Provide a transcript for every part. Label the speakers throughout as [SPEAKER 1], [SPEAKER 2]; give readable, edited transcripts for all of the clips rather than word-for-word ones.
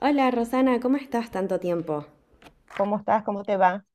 [SPEAKER 1] Hola Rosana, ¿cómo estás? Tanto tiempo.
[SPEAKER 2] ¿Cómo estás? ¿Cómo te va?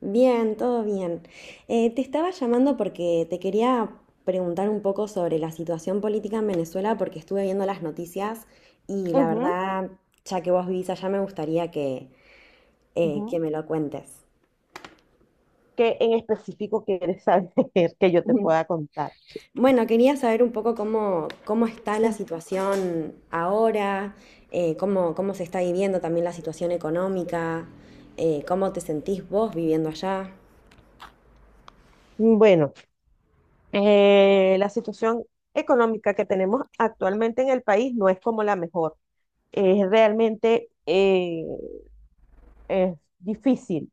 [SPEAKER 1] Bien, todo bien. Te estaba llamando porque te quería preguntar un poco sobre la situación política en Venezuela porque estuve viendo las noticias y la
[SPEAKER 2] Ujú,
[SPEAKER 1] verdad, ya que vos vivís allá, me gustaría que
[SPEAKER 2] ujú.
[SPEAKER 1] me lo cuentes.
[SPEAKER 2] ¿Qué en específico quieres saber que yo te
[SPEAKER 1] Ujú.
[SPEAKER 2] pueda contar?
[SPEAKER 1] Bueno, quería saber un poco cómo está la
[SPEAKER 2] Ujú.
[SPEAKER 1] situación ahora, cómo se está viviendo también la situación económica, cómo te sentís vos viviendo allá.
[SPEAKER 2] Bueno, la situación económica que tenemos actualmente en el país no es como la mejor. Es realmente es difícil.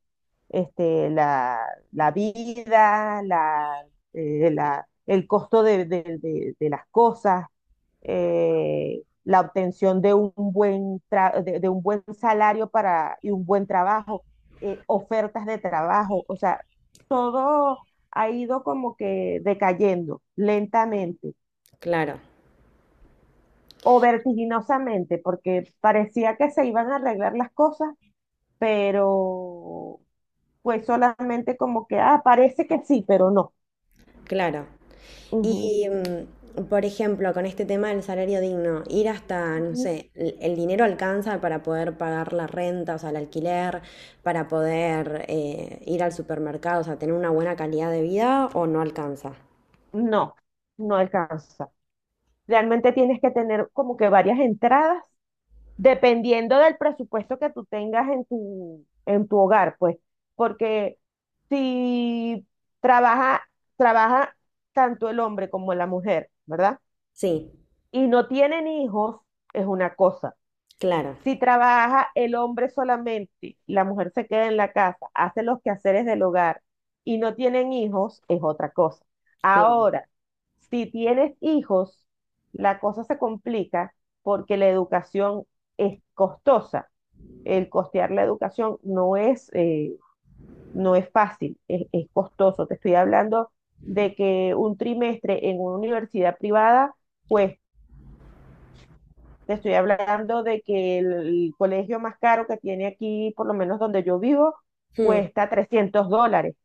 [SPEAKER 2] Este, la vida, la, la- El costo de las cosas, la obtención de un buen, de un buen salario y un buen trabajo, ofertas de trabajo, o sea, todo ha ido como que decayendo lentamente
[SPEAKER 1] Claro,
[SPEAKER 2] o vertiginosamente, porque parecía que se iban a arreglar las cosas, pero fue solamente como que, parece que sí, pero no.
[SPEAKER 1] claro.
[SPEAKER 2] Ujú.
[SPEAKER 1] Y, mm, por ejemplo, con este tema del salario digno, ir hasta, no
[SPEAKER 2] Ujú.
[SPEAKER 1] sé, el dinero alcanza para poder pagar la renta, o sea, el alquiler, para poder ir al supermercado, o sea, tener una buena calidad de vida o no alcanza.
[SPEAKER 2] No, no alcanza. Realmente tienes que tener como que varias entradas, dependiendo del presupuesto que tú tengas en en tu hogar, pues, porque si trabaja, trabaja tanto el hombre como la mujer, ¿verdad?
[SPEAKER 1] Sí,
[SPEAKER 2] Y no tienen hijos, es una cosa.
[SPEAKER 1] claro,
[SPEAKER 2] Si trabaja el hombre solamente, la mujer se queda en la casa, hace los quehaceres del hogar y no tienen hijos, es otra cosa.
[SPEAKER 1] claro.
[SPEAKER 2] Ahora, si tienes hijos, la cosa se complica porque la educación es costosa. El costear la educación no es fácil, es costoso. Te estoy hablando de que un trimestre en una universidad privada cuesta. Te estoy hablando de que colegio más caro que tiene aquí, por lo menos donde yo vivo,
[SPEAKER 1] Mm,
[SPEAKER 2] cuesta $300.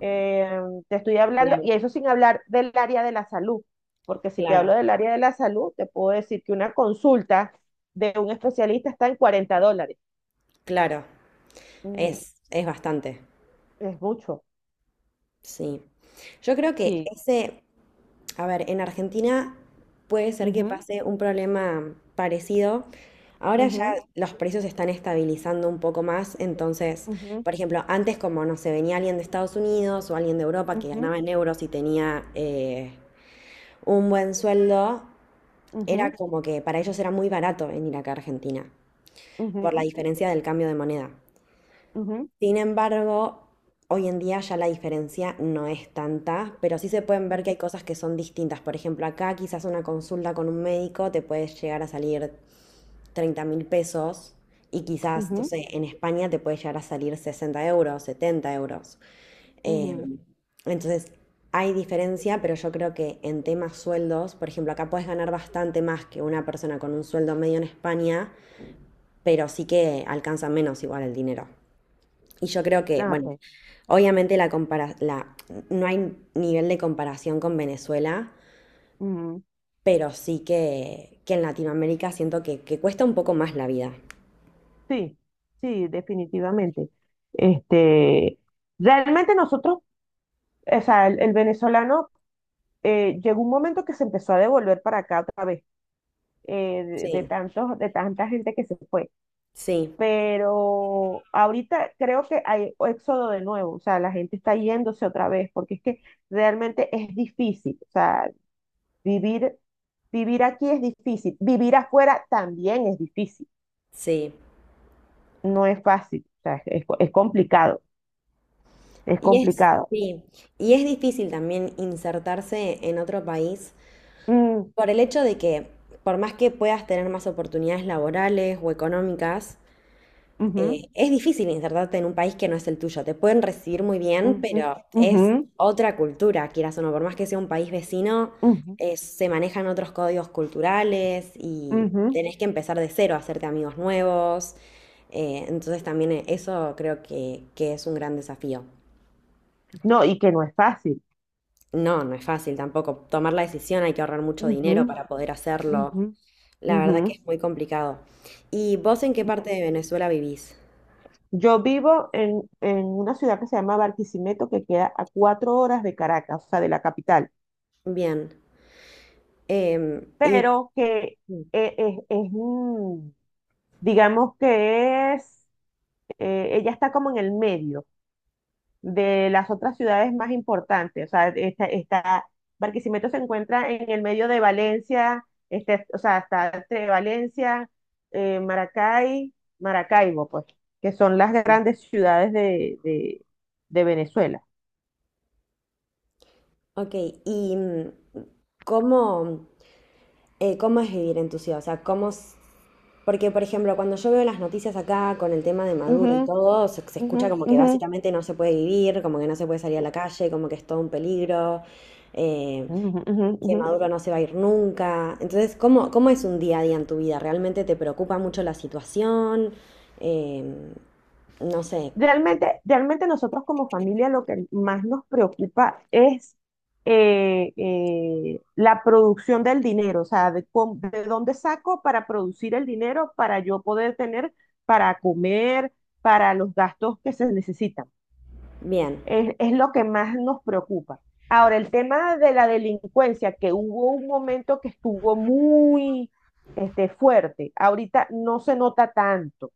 [SPEAKER 2] Eh, Te estoy hablando,
[SPEAKER 1] claro,
[SPEAKER 2] y eso sin hablar del área de la salud, porque si te
[SPEAKER 1] claro,
[SPEAKER 2] hablo del área de la salud, te puedo decir que una consulta de un especialista está en $40.
[SPEAKER 1] claro.
[SPEAKER 2] Ujú.
[SPEAKER 1] Es bastante,
[SPEAKER 2] Es mucho.
[SPEAKER 1] sí. Yo creo que
[SPEAKER 2] Sí.
[SPEAKER 1] ese, a ver, en Argentina puede ser que pase un problema parecido. Ahora ya
[SPEAKER 2] Ujú,
[SPEAKER 1] los precios se están estabilizando un poco más, entonces,
[SPEAKER 2] ujú,
[SPEAKER 1] por ejemplo, antes como no se venía alguien de Estados Unidos o alguien de Europa que
[SPEAKER 2] ujú,
[SPEAKER 1] ganaba en euros y tenía un buen sueldo,
[SPEAKER 2] ujú, ujú,
[SPEAKER 1] era como que para ellos era muy barato venir acá a Argentina por la
[SPEAKER 2] ujú,
[SPEAKER 1] diferencia del cambio de moneda.
[SPEAKER 2] ujú,
[SPEAKER 1] Sin embargo, hoy en día ya la diferencia no es tanta, pero sí se pueden ver que
[SPEAKER 2] ujú,
[SPEAKER 1] hay cosas que son distintas. Por ejemplo, acá quizás una consulta con un médico te puede llegar a salir 30.000 pesos y quizás, no
[SPEAKER 2] ujú,
[SPEAKER 1] sé, en España te puede llegar a salir 60 euros, 70 euros. Eh,
[SPEAKER 2] ujú.
[SPEAKER 1] entonces, hay diferencia, pero yo creo que en temas sueldos, por ejemplo, acá puedes ganar bastante más que una persona con un sueldo medio en España, pero sí que alcanza menos igual el dinero. Y yo creo que,
[SPEAKER 2] Ah,
[SPEAKER 1] bueno,
[SPEAKER 2] ok.
[SPEAKER 1] obviamente la la, no hay nivel de comparación con Venezuela,
[SPEAKER 2] Ujú.
[SPEAKER 1] pero sí que en Latinoamérica siento que cuesta un poco más la vida.
[SPEAKER 2] Sí, sí, definitivamente. Este, Realmente nosotros, o sea, el venezolano llegó un momento que se empezó a devolver para acá otra vez,
[SPEAKER 1] Sí,
[SPEAKER 2] de tanta gente que se fue.
[SPEAKER 1] sí,
[SPEAKER 2] Pero ahorita creo que hay éxodo de nuevo, o sea, la gente está yéndose otra vez, porque es que realmente es difícil, o sea, vivir, vivir aquí es difícil, vivir afuera también es difícil,
[SPEAKER 1] sí.
[SPEAKER 2] no es fácil, o sea, es complicado, es
[SPEAKER 1] Y es,
[SPEAKER 2] complicado.
[SPEAKER 1] sí, y es difícil también insertarse en otro país
[SPEAKER 2] Mm,
[SPEAKER 1] por el hecho de que, por más que puedas tener más oportunidades laborales o económicas,
[SPEAKER 2] ujú,
[SPEAKER 1] es difícil insertarte en un país que no es el tuyo. Te pueden recibir muy bien,
[SPEAKER 2] ujú,
[SPEAKER 1] pero
[SPEAKER 2] ujú,
[SPEAKER 1] es otra cultura, quieras o no. Por más que sea un país vecino,
[SPEAKER 2] ujú,
[SPEAKER 1] se manejan otros códigos culturales y
[SPEAKER 2] ujú.
[SPEAKER 1] tenés que empezar de cero, hacerte amigos nuevos. Entonces también eso creo que es un gran desafío.
[SPEAKER 2] No, y que no es fácil.
[SPEAKER 1] No, no es fácil tampoco. Tomar la decisión hay que ahorrar mucho
[SPEAKER 2] Ujú,
[SPEAKER 1] dinero para poder hacerlo.
[SPEAKER 2] ujú,
[SPEAKER 1] La
[SPEAKER 2] ujú.
[SPEAKER 1] verdad que es muy complicado. ¿Y vos en qué parte de Venezuela vivís?
[SPEAKER 2] Yo vivo en una ciudad que se llama Barquisimeto, que queda a 4 horas de Caracas, o sea, de la capital,
[SPEAKER 1] Bien. Em, ¿y
[SPEAKER 2] pero que
[SPEAKER 1] mm,
[SPEAKER 2] eh, es, es, mm, digamos que es, ella está como en el medio, de las otras ciudades más importantes. O sea, Barquisimeto se encuentra en el medio de Valencia, o sea, está entre Valencia, Maracay, Maracaibo, pues, que son las grandes ciudades de Venezuela.
[SPEAKER 1] Ok, y cómo, cómo es vivir en tu ciudad, o sea, Porque, por ejemplo, cuando yo veo las noticias acá con el tema de
[SPEAKER 2] Ujú,
[SPEAKER 1] Maduro y todo, se
[SPEAKER 2] ujú,
[SPEAKER 1] escucha como que
[SPEAKER 2] ujú,
[SPEAKER 1] básicamente no se puede vivir, como que no se puede salir a la calle, como que es todo un peligro, eh,
[SPEAKER 2] ujú, ujú,
[SPEAKER 1] que
[SPEAKER 2] ujú.
[SPEAKER 1] Maduro no se va a ir nunca. Entonces, ¿cómo, cómo es un día a día en tu vida? ¿Realmente te preocupa mucho la situación? Em, no sé,
[SPEAKER 2] Realmente, realmente nosotros como familia lo que más nos preocupa es la producción del dinero, o sea, de dónde saco para producir el dinero para yo poder tener para comer, para los gastos que se necesitan.
[SPEAKER 1] bien.
[SPEAKER 2] Es lo que más nos preocupa. Ahora, el tema de la delincuencia, que hubo un momento que estuvo muy fuerte, ahorita no se nota tanto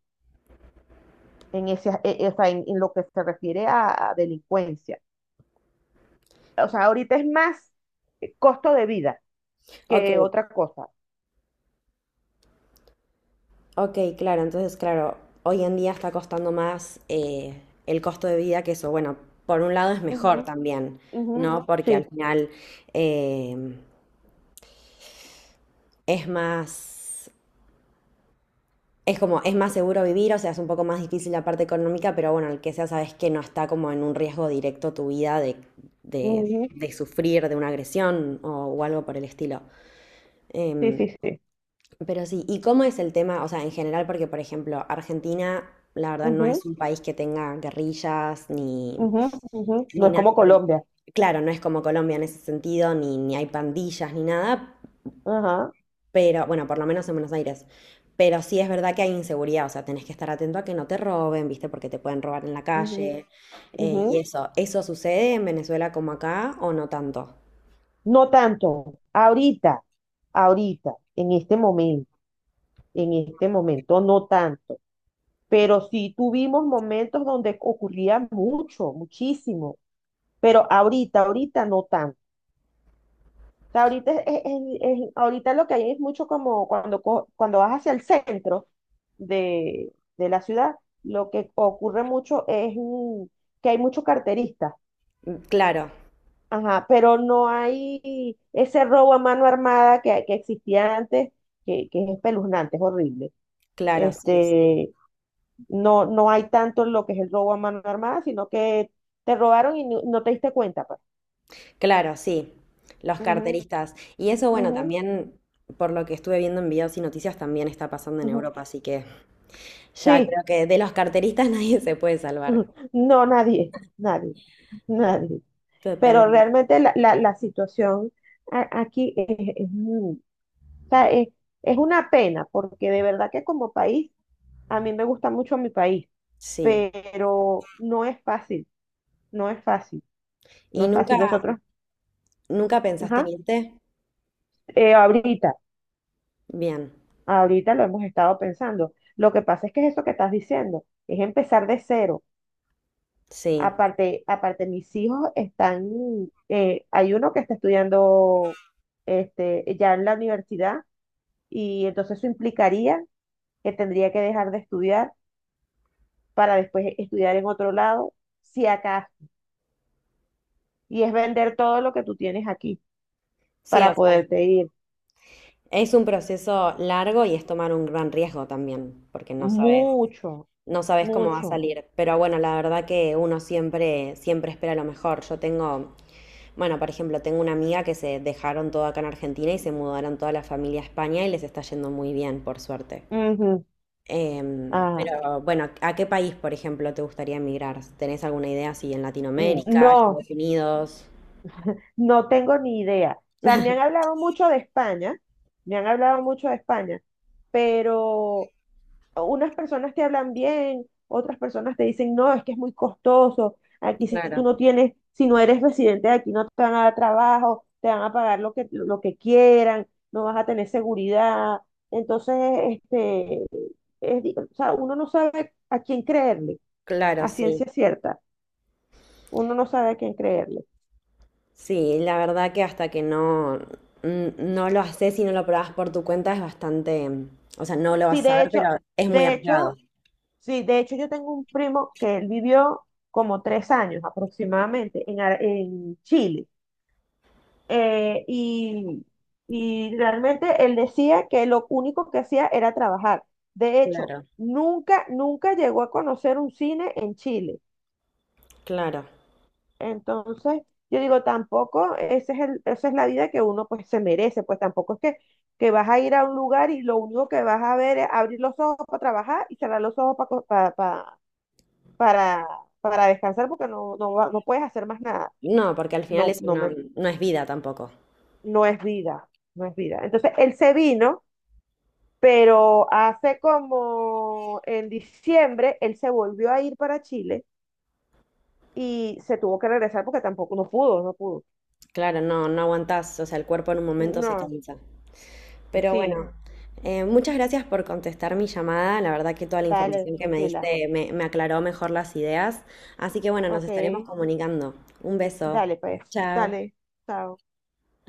[SPEAKER 2] o sea, en lo que se refiere a delincuencia. O sea, ahorita es más costo de vida
[SPEAKER 1] Ok,
[SPEAKER 2] que otra cosa.
[SPEAKER 1] ok, claro, entonces, claro, hoy en día está costando más el costo de vida que eso. Bueno, por un lado es mejor
[SPEAKER 2] Ujú,
[SPEAKER 1] también,
[SPEAKER 2] ujú,
[SPEAKER 1] ¿no? Porque al
[SPEAKER 2] sí,
[SPEAKER 1] final eh, es más, es como, es más seguro vivir, o sea, es un poco más difícil la parte económica, pero bueno, el que sea, sabes que no está como en un riesgo directo tu vida
[SPEAKER 2] ujú,
[SPEAKER 1] de sufrir de una agresión o algo por el estilo.
[SPEAKER 2] sí,
[SPEAKER 1] Em,
[SPEAKER 2] sí, sí.
[SPEAKER 1] Pero sí, ¿y cómo es el tema? O sea, en general, porque por ejemplo, Argentina, la verdad, no es
[SPEAKER 2] Ujú,
[SPEAKER 1] un país que tenga guerrillas ni,
[SPEAKER 2] ujú, ujú. No
[SPEAKER 1] ni
[SPEAKER 2] es
[SPEAKER 1] nada.
[SPEAKER 2] como Colombia.
[SPEAKER 1] Claro, no es como Colombia en ese sentido, ni, ni hay pandillas ni nada,
[SPEAKER 2] Ajá,
[SPEAKER 1] pero bueno, por lo menos en Buenos Aires. Pero sí es verdad que hay inseguridad, o sea, tenés que estar atento a que no te roben, ¿viste? Porque te pueden robar en la
[SPEAKER 2] ujú,
[SPEAKER 1] calle y
[SPEAKER 2] ujú.
[SPEAKER 1] eso. ¿Eso sucede en Venezuela como acá o no tanto?
[SPEAKER 2] No tanto. Ahorita, en este momento, no tanto. Pero sí tuvimos momentos donde ocurría mucho, muchísimo. Pero ahorita no tanto. Sea, ahorita, es- ahorita lo que hay es mucho como cuando vas hacia el centro de la ciudad, lo que ocurre mucho es que hay muchos carteristas,
[SPEAKER 1] Mm, claro,
[SPEAKER 2] ajá, pero no hay ese robo a mano armada que existía antes, que es espeluznante, es horrible.
[SPEAKER 1] claro, sí, sí.
[SPEAKER 2] Este, no, no hay tanto lo que es el robo a mano armada, sino que te robaron y no, no te diste cuenta, pues.
[SPEAKER 1] Claro, sí, los
[SPEAKER 2] Ujú,
[SPEAKER 1] carteristas. Y eso, bueno,
[SPEAKER 2] ujú,
[SPEAKER 1] también por lo que estuve viendo en videos y noticias, también está pasando en
[SPEAKER 2] ujú.
[SPEAKER 1] Europa, así que ya
[SPEAKER 2] Sí.
[SPEAKER 1] creo que de los carteristas nadie se puede salvar.
[SPEAKER 2] No, nadie, nadie, nadie. Pero
[SPEAKER 1] Totalmente.
[SPEAKER 2] realmente la situación aquí o sea, es una pena, porque de verdad que como país, a mí me gusta mucho mi país,
[SPEAKER 1] Sí.
[SPEAKER 2] pero no es fácil, no es fácil, no
[SPEAKER 1] ¿Y
[SPEAKER 2] es
[SPEAKER 1] nunca,
[SPEAKER 2] fácil. Nosotros,
[SPEAKER 1] nunca pensaste en
[SPEAKER 2] ajá,
[SPEAKER 1] irte?
[SPEAKER 2] eh, ahorita,
[SPEAKER 1] Bien,
[SPEAKER 2] ahorita lo hemos estado pensando. Lo que pasa es que es eso que estás diciendo, es empezar de cero.
[SPEAKER 1] sí.
[SPEAKER 2] Aparte, mis hijos están, hay uno que está estudiando ya en la universidad y entonces eso implicaría que tendría que dejar de estudiar para después estudiar en otro lado, si acaso. Y es vender todo lo que tú tienes aquí
[SPEAKER 1] Sí,
[SPEAKER 2] para
[SPEAKER 1] o sea,
[SPEAKER 2] poderte ir.
[SPEAKER 1] es un proceso largo y es tomar un gran riesgo también, porque no sabes,
[SPEAKER 2] Mucho,
[SPEAKER 1] no sabes cómo va a
[SPEAKER 2] mucho.
[SPEAKER 1] salir. Pero bueno, la verdad que uno siempre, siempre espera lo mejor. Yo tengo bueno, por ejemplo, tengo una amiga que se dejaron todo acá en Argentina y se mudaron toda la familia a España y les está yendo muy bien, por suerte.
[SPEAKER 2] Ujú. Ah,
[SPEAKER 1] Pero bueno, ¿a qué país, por ejemplo, te gustaría emigrar? ¿Tenés alguna idea si en Latinoamérica,
[SPEAKER 2] no,
[SPEAKER 1] Estados Unidos?
[SPEAKER 2] no tengo ni idea. O sea, me han hablado mucho de España pero unas personas te hablan bien, otras personas te dicen, no, es que es muy costoso, aquí si tú
[SPEAKER 1] Claro,
[SPEAKER 2] no tienes, si no eres residente de aquí no te van a dar trabajo, te van a pagar lo que quieran, no vas a tener seguridad. Entonces, este, o sea, uno no sabe a quién creerle,
[SPEAKER 1] claro,
[SPEAKER 2] a
[SPEAKER 1] sí.
[SPEAKER 2] ciencia cierta, uno no sabe a quién creerle.
[SPEAKER 1] Sí, la verdad que hasta que no lo haces y no lo probás por tu cuenta es bastante, o sea, no lo vas
[SPEAKER 2] Sí,
[SPEAKER 1] a
[SPEAKER 2] de
[SPEAKER 1] saber, pero
[SPEAKER 2] hecho,
[SPEAKER 1] es muy
[SPEAKER 2] de
[SPEAKER 1] arriesgado.
[SPEAKER 2] hecho, Sí, de hecho yo tengo un primo que él vivió como 3 años aproximadamente en Chile eh, y, y realmente él decía que lo único que hacía era trabajar. De hecho,
[SPEAKER 1] Claro,
[SPEAKER 2] nunca, nunca llegó a conocer un cine en Chile.
[SPEAKER 1] claro.
[SPEAKER 2] Entonces, yo digo, tampoco, ese es el, esa es la vida que uno pues se merece, pues tampoco es que vas a ir a un lugar y lo único que vas a ver es abrir los ojos para trabajar y cerrar los ojos para, para, para descansar porque no, no, no puedes hacer más nada.
[SPEAKER 1] No, porque al final
[SPEAKER 2] No,
[SPEAKER 1] eso no, no es vida tampoco.
[SPEAKER 2] no es vida, no es vida. Entonces, él se vino pero hace como en diciembre él se volvió a ir para Chile y se tuvo que regresar porque tampoco, no pudo, no pudo.
[SPEAKER 1] Claro, no, no aguantás, o sea, el cuerpo en un momento se
[SPEAKER 2] No,
[SPEAKER 1] cansa. Pero
[SPEAKER 2] sí,
[SPEAKER 1] bueno, muchas gracias por contestar mi llamada. La verdad que toda la
[SPEAKER 2] dale,
[SPEAKER 1] información que me
[SPEAKER 2] tranquila.
[SPEAKER 1] diste me, me aclaró mejor las ideas. Así que bueno, nos
[SPEAKER 2] Ok,
[SPEAKER 1] estaremos comunicando. Un beso.
[SPEAKER 2] dale pues,
[SPEAKER 1] Chao.
[SPEAKER 2] dale, chao.